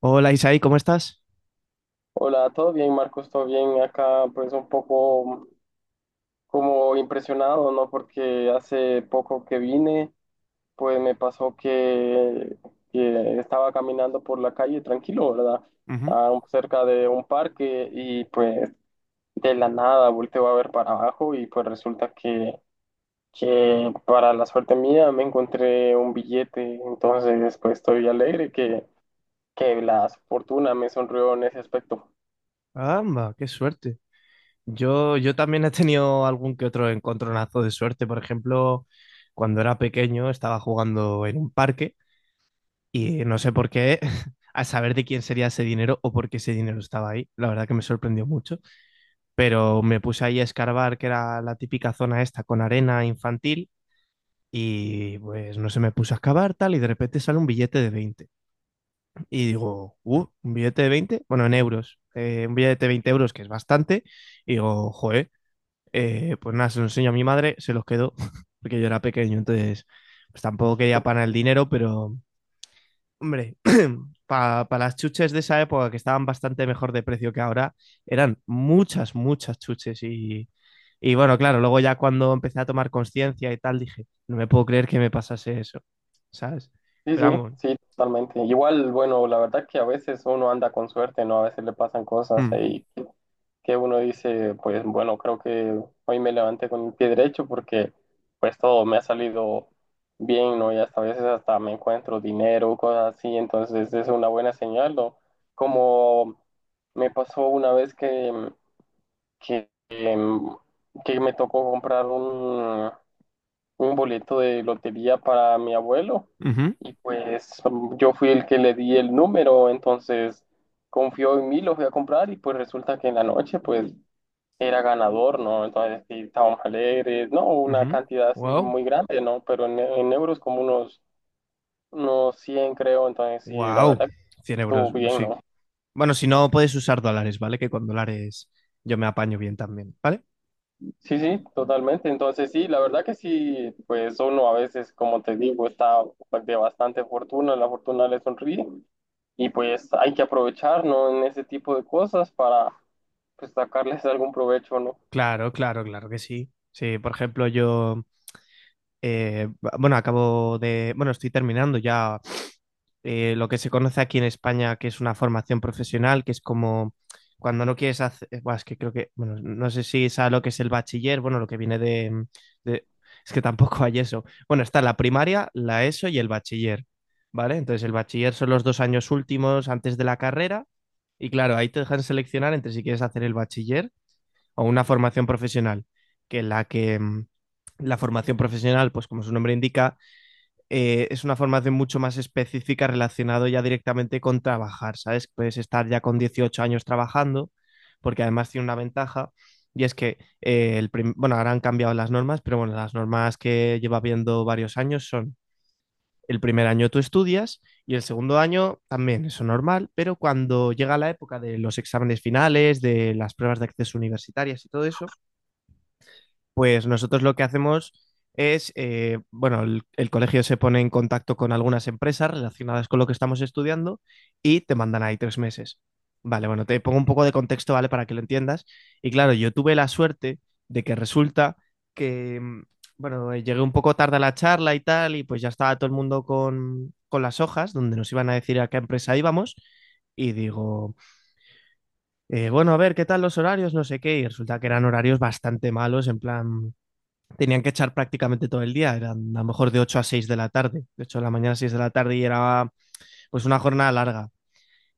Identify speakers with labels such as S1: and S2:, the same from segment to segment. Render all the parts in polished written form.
S1: Hola Isaí, ¿cómo estás?
S2: Hola, ¿todo bien, Marcos? ¿Todo bien? Acá pues un poco como impresionado, ¿no? Porque hace poco que vine, pues me pasó que estaba caminando por la calle tranquilo, ¿verdad?
S1: Ujú.
S2: Ah, cerca de un parque y pues de la nada volteo a ver para abajo y pues resulta que para la suerte mía me encontré un billete, entonces pues estoy alegre que la fortuna me sonrió en ese aspecto.
S1: Amba, qué suerte. Yo también he tenido algún que otro encontronazo de suerte. Por ejemplo, cuando era pequeño estaba jugando en un parque y no sé por qué, a saber de quién sería ese dinero o por qué ese dinero estaba ahí. La verdad que me sorprendió mucho. Pero me puse ahí a escarbar, que era la típica zona esta con arena infantil. Y pues no sé, me puse a excavar tal y de repente sale un billete de 20. Y digo, un billete de veinte, bueno, en euros. Un billete de 20 euros, que es bastante. Y digo, joder. Pues nada, se los enseño a mi madre, se los quedó, porque yo era pequeño, entonces pues tampoco quería para el dinero, pero hombre, para pa las chuches de esa época, que estaban bastante mejor de precio que ahora, eran muchas, muchas chuches y bueno, claro, luego ya cuando empecé a tomar conciencia y tal, dije, no me puedo creer que me pasase eso, ¿sabes?
S2: Sí,
S1: Pero
S2: sí,
S1: vamos,
S2: sí, totalmente. Igual, bueno, la verdad que a veces uno anda con suerte, ¿no? A veces le pasan cosas
S1: hmm,
S2: ahí que uno dice, pues bueno, creo que hoy me levanté con el pie derecho porque pues todo me ha salido bien, ¿no? Y hasta a veces hasta me encuentro dinero, cosas así, entonces es una buena señal, ¿no? Como me pasó una vez que, que me tocó comprar un boleto de lotería para mi abuelo
S1: ujú,
S2: y pues yo fui el que le di el número, entonces confió en mí, lo fui a comprar y pues resulta que en la noche pues era ganador, ¿no? Entonces sí, estábamos alegres, ¿no? Una
S1: ujú,
S2: cantidad así
S1: wow,
S2: muy grande, ¿no? Pero en euros como unos 100 creo, entonces sí, la
S1: wow,
S2: verdad
S1: 100
S2: estuvo
S1: euros,
S2: bien,
S1: sí.
S2: ¿no?
S1: Bueno, si no, puedes usar dólares, ¿vale? Que con dólares yo me apaño bien también, ¿vale?
S2: Sí, sí, totalmente. Entonces, sí, la verdad que sí, pues uno a veces, como te digo, está de bastante fortuna, la fortuna le sonríe. Y pues hay que aprovechar, ¿no? En ese tipo de cosas para pues sacarles algún provecho, ¿no?
S1: Claro, claro, claro que sí. Sí, por ejemplo, yo, eh, bueno, acabo de, bueno, estoy terminando ya lo que se conoce aquí en España, que es una formación profesional, que es como cuando no quieres hacer, buah, es que creo que, bueno, no sé si es lo que es el bachiller, bueno, lo que viene de, de- es que tampoco hay eso. Bueno, está la primaria, la ESO y el bachiller, ¿vale? Entonces, el bachiller son los dos años últimos antes de la carrera y claro, ahí te dejan seleccionar entre si quieres hacer el bachiller o una formación profesional, que la que la formación profesional, pues como su nombre indica, es una formación mucho más específica relacionado ya directamente con trabajar, ¿sabes? Puedes estar ya con 18 años trabajando, porque además tiene una ventaja, y es que, el prim- bueno, ahora han cambiado las normas, pero bueno, las normas que lleva viendo varios años son: el primer año tú estudias y el segundo año también, eso normal, pero cuando llega la época de los exámenes finales, de las pruebas de acceso universitarias y todo eso, pues nosotros lo que hacemos es, bueno, el colegio se pone en contacto con algunas empresas relacionadas con lo que estamos estudiando y te mandan ahí 3 meses. Vale, bueno, te pongo un poco de contexto, ¿vale? Para que lo entiendas. Y claro, yo tuve la suerte de que resulta que, bueno, llegué un poco tarde a la charla y tal, y pues ya estaba todo el mundo con las hojas donde nos iban a decir a qué empresa íbamos. Y digo, bueno, a ver, ¿qué tal los horarios? No sé qué. Y resulta que eran horarios bastante malos, en plan tenían que echar prácticamente todo el día, eran a lo mejor de 8 a 6 de la tarde, de 8 de la mañana a 6 de la tarde y era pues una jornada larga.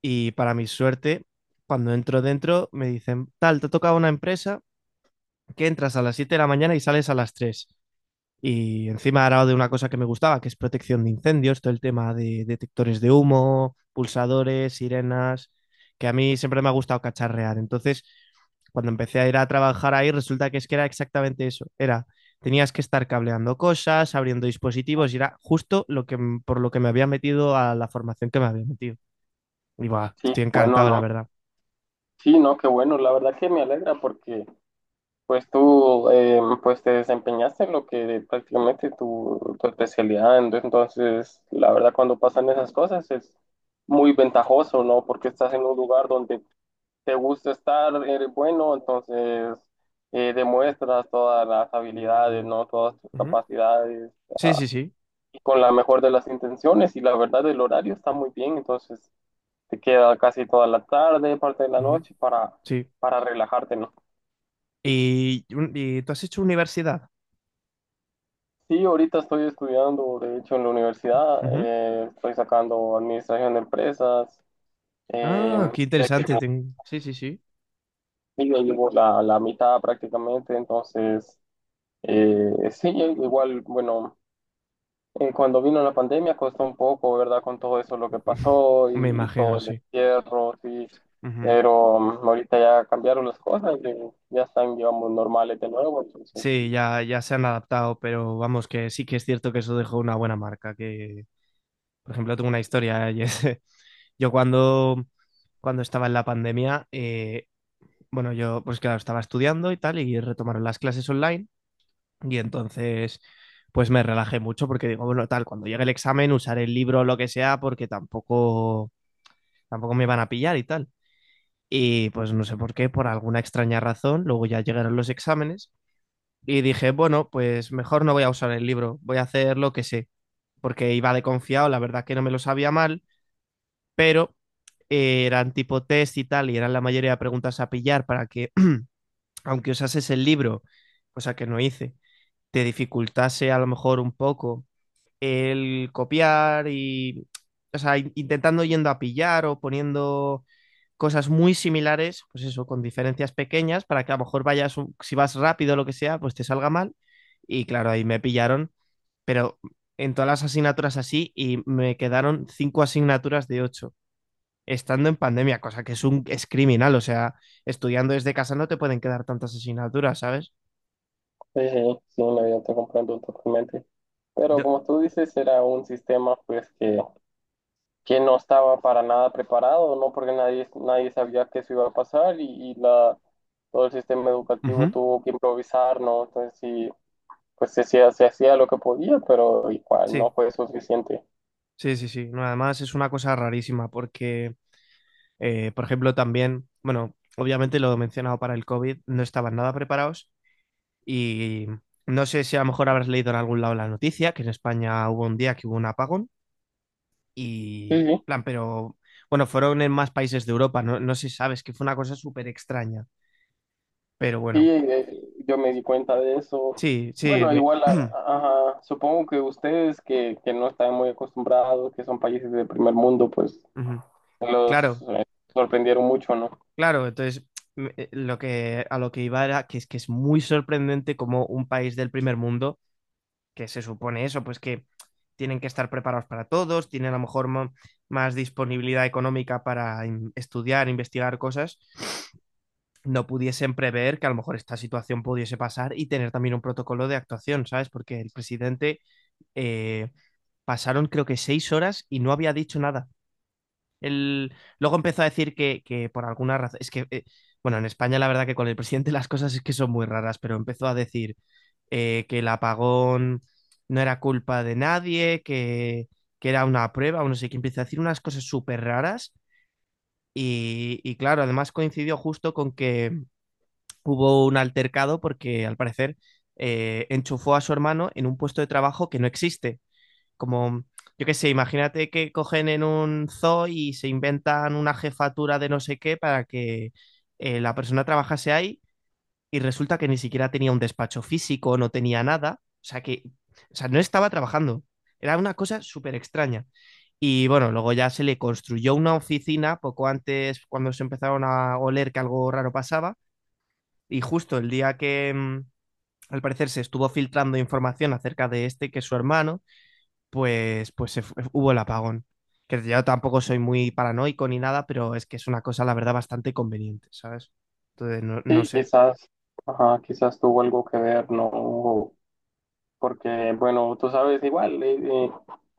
S1: Y para mi suerte, cuando entro dentro me dicen, tal, te toca una empresa que entras a las 7 de la mañana y sales a las 3, y encima era de una cosa que me gustaba, que es protección de incendios, todo el tema de detectores de humo, pulsadores, sirenas, que a mí siempre me ha gustado cacharrear. Entonces, cuando empecé a ir a trabajar ahí, resulta que es que era exactamente eso. Era, tenías que estar cableando cosas, abriendo dispositivos, y era justo lo que, por lo que me había metido a la formación que me había metido. Y buah,
S2: Sí,
S1: estoy
S2: bueno,
S1: encantado, la
S2: ¿no?
S1: verdad.
S2: Sí, no, qué bueno, la verdad que me alegra porque pues tú pues te desempeñaste en lo que prácticamente tu, especialidad, entonces la verdad cuando pasan esas cosas es muy ventajoso, ¿no? Porque estás en un lugar donde te gusta estar, eres bueno, entonces demuestras todas las habilidades, ¿no? Todas tus
S1: Ujú.
S2: capacidades
S1: Sí, sí, sí.
S2: y con la mejor de las intenciones y la verdad el horario está muy bien, entonces te queda casi toda la tarde, parte de la
S1: Ujú.
S2: noche para,
S1: Sí.
S2: para relajarte, ¿no?
S1: Y, un- y tú has hecho universidad.
S2: Sí, ahorita estoy estudiando, de hecho, en la universidad,
S1: Ujú.
S2: estoy sacando administración de empresas,
S1: Ah,
S2: eh,
S1: qué
S2: ya que
S1: interesante. Ten- Sí, sí, sí.
S2: ya llevo la mitad prácticamente, entonces, sí, igual, bueno, eh, cuando vino la pandemia costó un poco, ¿verdad? Con todo eso lo que pasó
S1: Me
S2: y
S1: imagino,
S2: todo el
S1: sí.
S2: encierro, sí.
S1: Ujú.
S2: Pero ahorita ya cambiaron las cosas y ya están, digamos, normales de nuevo. Entonces,
S1: Sí, ya, ya se han adaptado, pero vamos, que sí que es cierto que eso dejó una buena marca. Que, por ejemplo, tengo una historia y es, yo cuando, cuando estaba en la pandemia, bueno, yo pues claro, estaba estudiando y tal, y retomaron las clases online, y entonces pues me relajé mucho porque digo, bueno, tal, cuando llegue el examen usaré el libro o lo que sea porque tampoco, tampoco me van a pillar y tal. Y pues no sé por qué, por alguna extraña razón, luego ya llegaron los exámenes y dije, bueno, pues mejor no voy a usar el libro, voy a hacer lo que sé, porque iba de confiado, la verdad que no me lo sabía mal, pero eran tipo test y tal, y eran la mayoría de preguntas a pillar para que, aunque usases el libro, cosa que no hice, te dificultase a lo mejor un poco el copiar y, o sea, in- intentando yendo a pillar o poniendo cosas muy similares, pues eso, con diferencias pequeñas, para que a lo mejor vayas, un- si vas rápido o lo que sea, pues te salga mal. Y claro, ahí me pillaron, pero en todas las asignaturas así y me quedaron 5 asignaturas de 8 estando en pandemia, cosa que es un es criminal. O sea, estudiando desde casa no te pueden quedar tantas asignaturas, ¿sabes?
S2: sí, sí, sí, no, yo te comprendo totalmente. Pero
S1: De-
S2: como tú dices, era un sistema pues que no estaba para nada preparado, ¿no? Porque nadie, nadie sabía que eso iba a pasar y todo el sistema educativo
S1: ujú.
S2: tuvo que improvisar, ¿no? Entonces sí, pues se hacía lo que podía, pero igual
S1: Sí,
S2: no fue suficiente.
S1: sí, sí, sí. No, además es una cosa rarísima porque, por ejemplo, también, bueno, obviamente lo he mencionado para el COVID, no estaban nada preparados y no sé si a lo mejor habrás leído en algún lado la noticia que en España hubo un día que hubo un apagón
S2: Sí,
S1: y,
S2: sí,
S1: plan, pero bueno, fueron en más países de Europa, no, no sé si sabes, que fue una cosa súper extraña, pero
S2: sí,
S1: bueno,
S2: yo me di cuenta de eso.
S1: sí, sí,
S2: Bueno,
S1: me-
S2: igual, ajá, supongo que ustedes que no están muy acostumbrados, que son países de primer mundo, pues
S1: Ujú.
S2: los
S1: Claro,
S2: eh, sorprendieron mucho, ¿no?
S1: claro. Entonces, lo que, a lo que iba era que es muy sorprendente como un país del primer mundo, que se supone eso, pues que tienen que estar preparados para todos, tienen a lo mejor mo- más disponibilidad económica para in- estudiar, investigar cosas, no pudiesen prever que a lo mejor esta situación pudiese pasar y tener también un protocolo de actuación, ¿sabes? Porque el presidente eh, pasaron creo que 6 horas y no había dicho nada. Él luego empezó a decir que por alguna razón, es que, bueno, en España la verdad que con el presidente las cosas es que son muy raras, pero empezó a decir que el apagón no era culpa de nadie, que era una prueba, o no sé qué, empezó a decir unas cosas súper raras. Y claro, además coincidió justo con que hubo un altercado porque al parecer enchufó a su hermano en un puesto de trabajo que no existe, como, yo qué sé, imagínate que cogen en un zoo y se inventan una jefatura de no sé qué para que la persona trabajase ahí y resulta que ni siquiera tenía un despacho físico, no tenía nada, o sea que, o sea, no estaba trabajando, era una cosa súper extraña. Y bueno, luego ya se le construyó una oficina poco antes cuando se empezaron a oler que algo raro pasaba y justo el día que, al parecer se estuvo filtrando información acerca de este, que es su hermano, pues, pues se fu- hubo el apagón. Que yo tampoco soy muy paranoico ni nada, pero es que es una cosa, la verdad, bastante conveniente, ¿sabes? Entonces, no, no
S2: Sí,
S1: sé.
S2: quizás, ajá, quizás tuvo algo que ver, ¿no? Porque, bueno, tú sabes, igual, eh,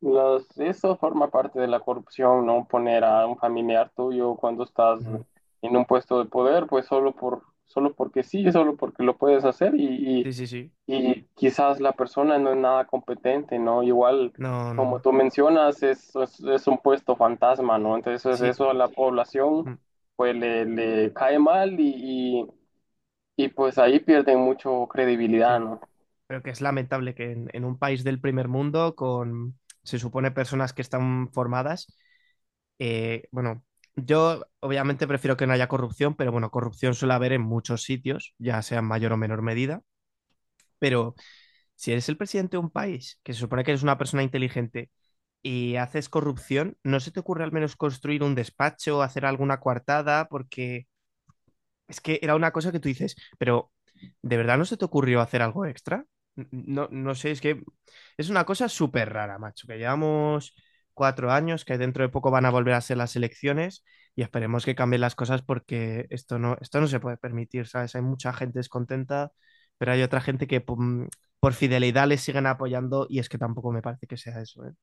S2: eso forma parte de la corrupción, ¿no? Poner a un familiar tuyo cuando estás
S1: Ujú.
S2: en un puesto de poder, pues solo por, solo porque sí, solo porque lo puedes hacer
S1: Sí,
S2: y,
S1: sí, sí.
S2: y quizás la persona no es nada competente, ¿no? Igual,
S1: No, no,
S2: como
S1: no.
S2: tú mencionas, es, es un puesto fantasma, ¿no? Entonces,
S1: Sí,
S2: eso a la población,
S1: mm,
S2: pues le, cae mal y, y pues ahí pierden mucho credibilidad,
S1: sí.
S2: ¿no?
S1: Pero que es lamentable que en un país del primer mundo, con, se supone, personas que están formadas, bueno, yo obviamente prefiero que no haya corrupción, pero bueno, corrupción suele haber en muchos sitios, ya sea en mayor o menor medida, pero si eres el presidente de un país, que se supone que eres una persona inteligente y haces corrupción, ¿no se te ocurre al menos construir un despacho, hacer alguna coartada? Porque es que era una cosa que tú dices, pero ¿de verdad no se te ocurrió hacer algo extra? No, no sé, es que es una cosa súper rara, macho, que llevamos 4 años, que dentro de poco van a volver a ser las elecciones y esperemos que cambien las cosas porque esto no se puede permitir, ¿sabes? Hay mucha gente descontenta, pero hay otra gente que pum, por fidelidad les siguen apoyando y es que tampoco me parece que sea eso, ¿eh?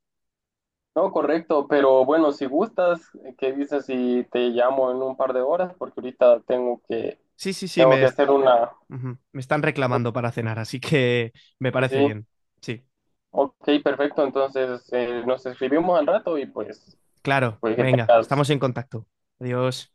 S2: No, correcto, pero bueno, si gustas, ¿qué dices si te llamo en un par de horas? Porque ahorita tengo que,
S1: Sí, sí, sí,
S2: tengo
S1: me,
S2: que
S1: est-
S2: hacer una...
S1: ujú, me están reclamando para cenar, así que me
S2: Sí,
S1: parece
S2: sí,
S1: bien, sí.
S2: ok, perfecto, entonces nos escribimos al rato y pues,
S1: Claro,
S2: pues que
S1: venga,
S2: tengas...
S1: estamos en contacto. Adiós.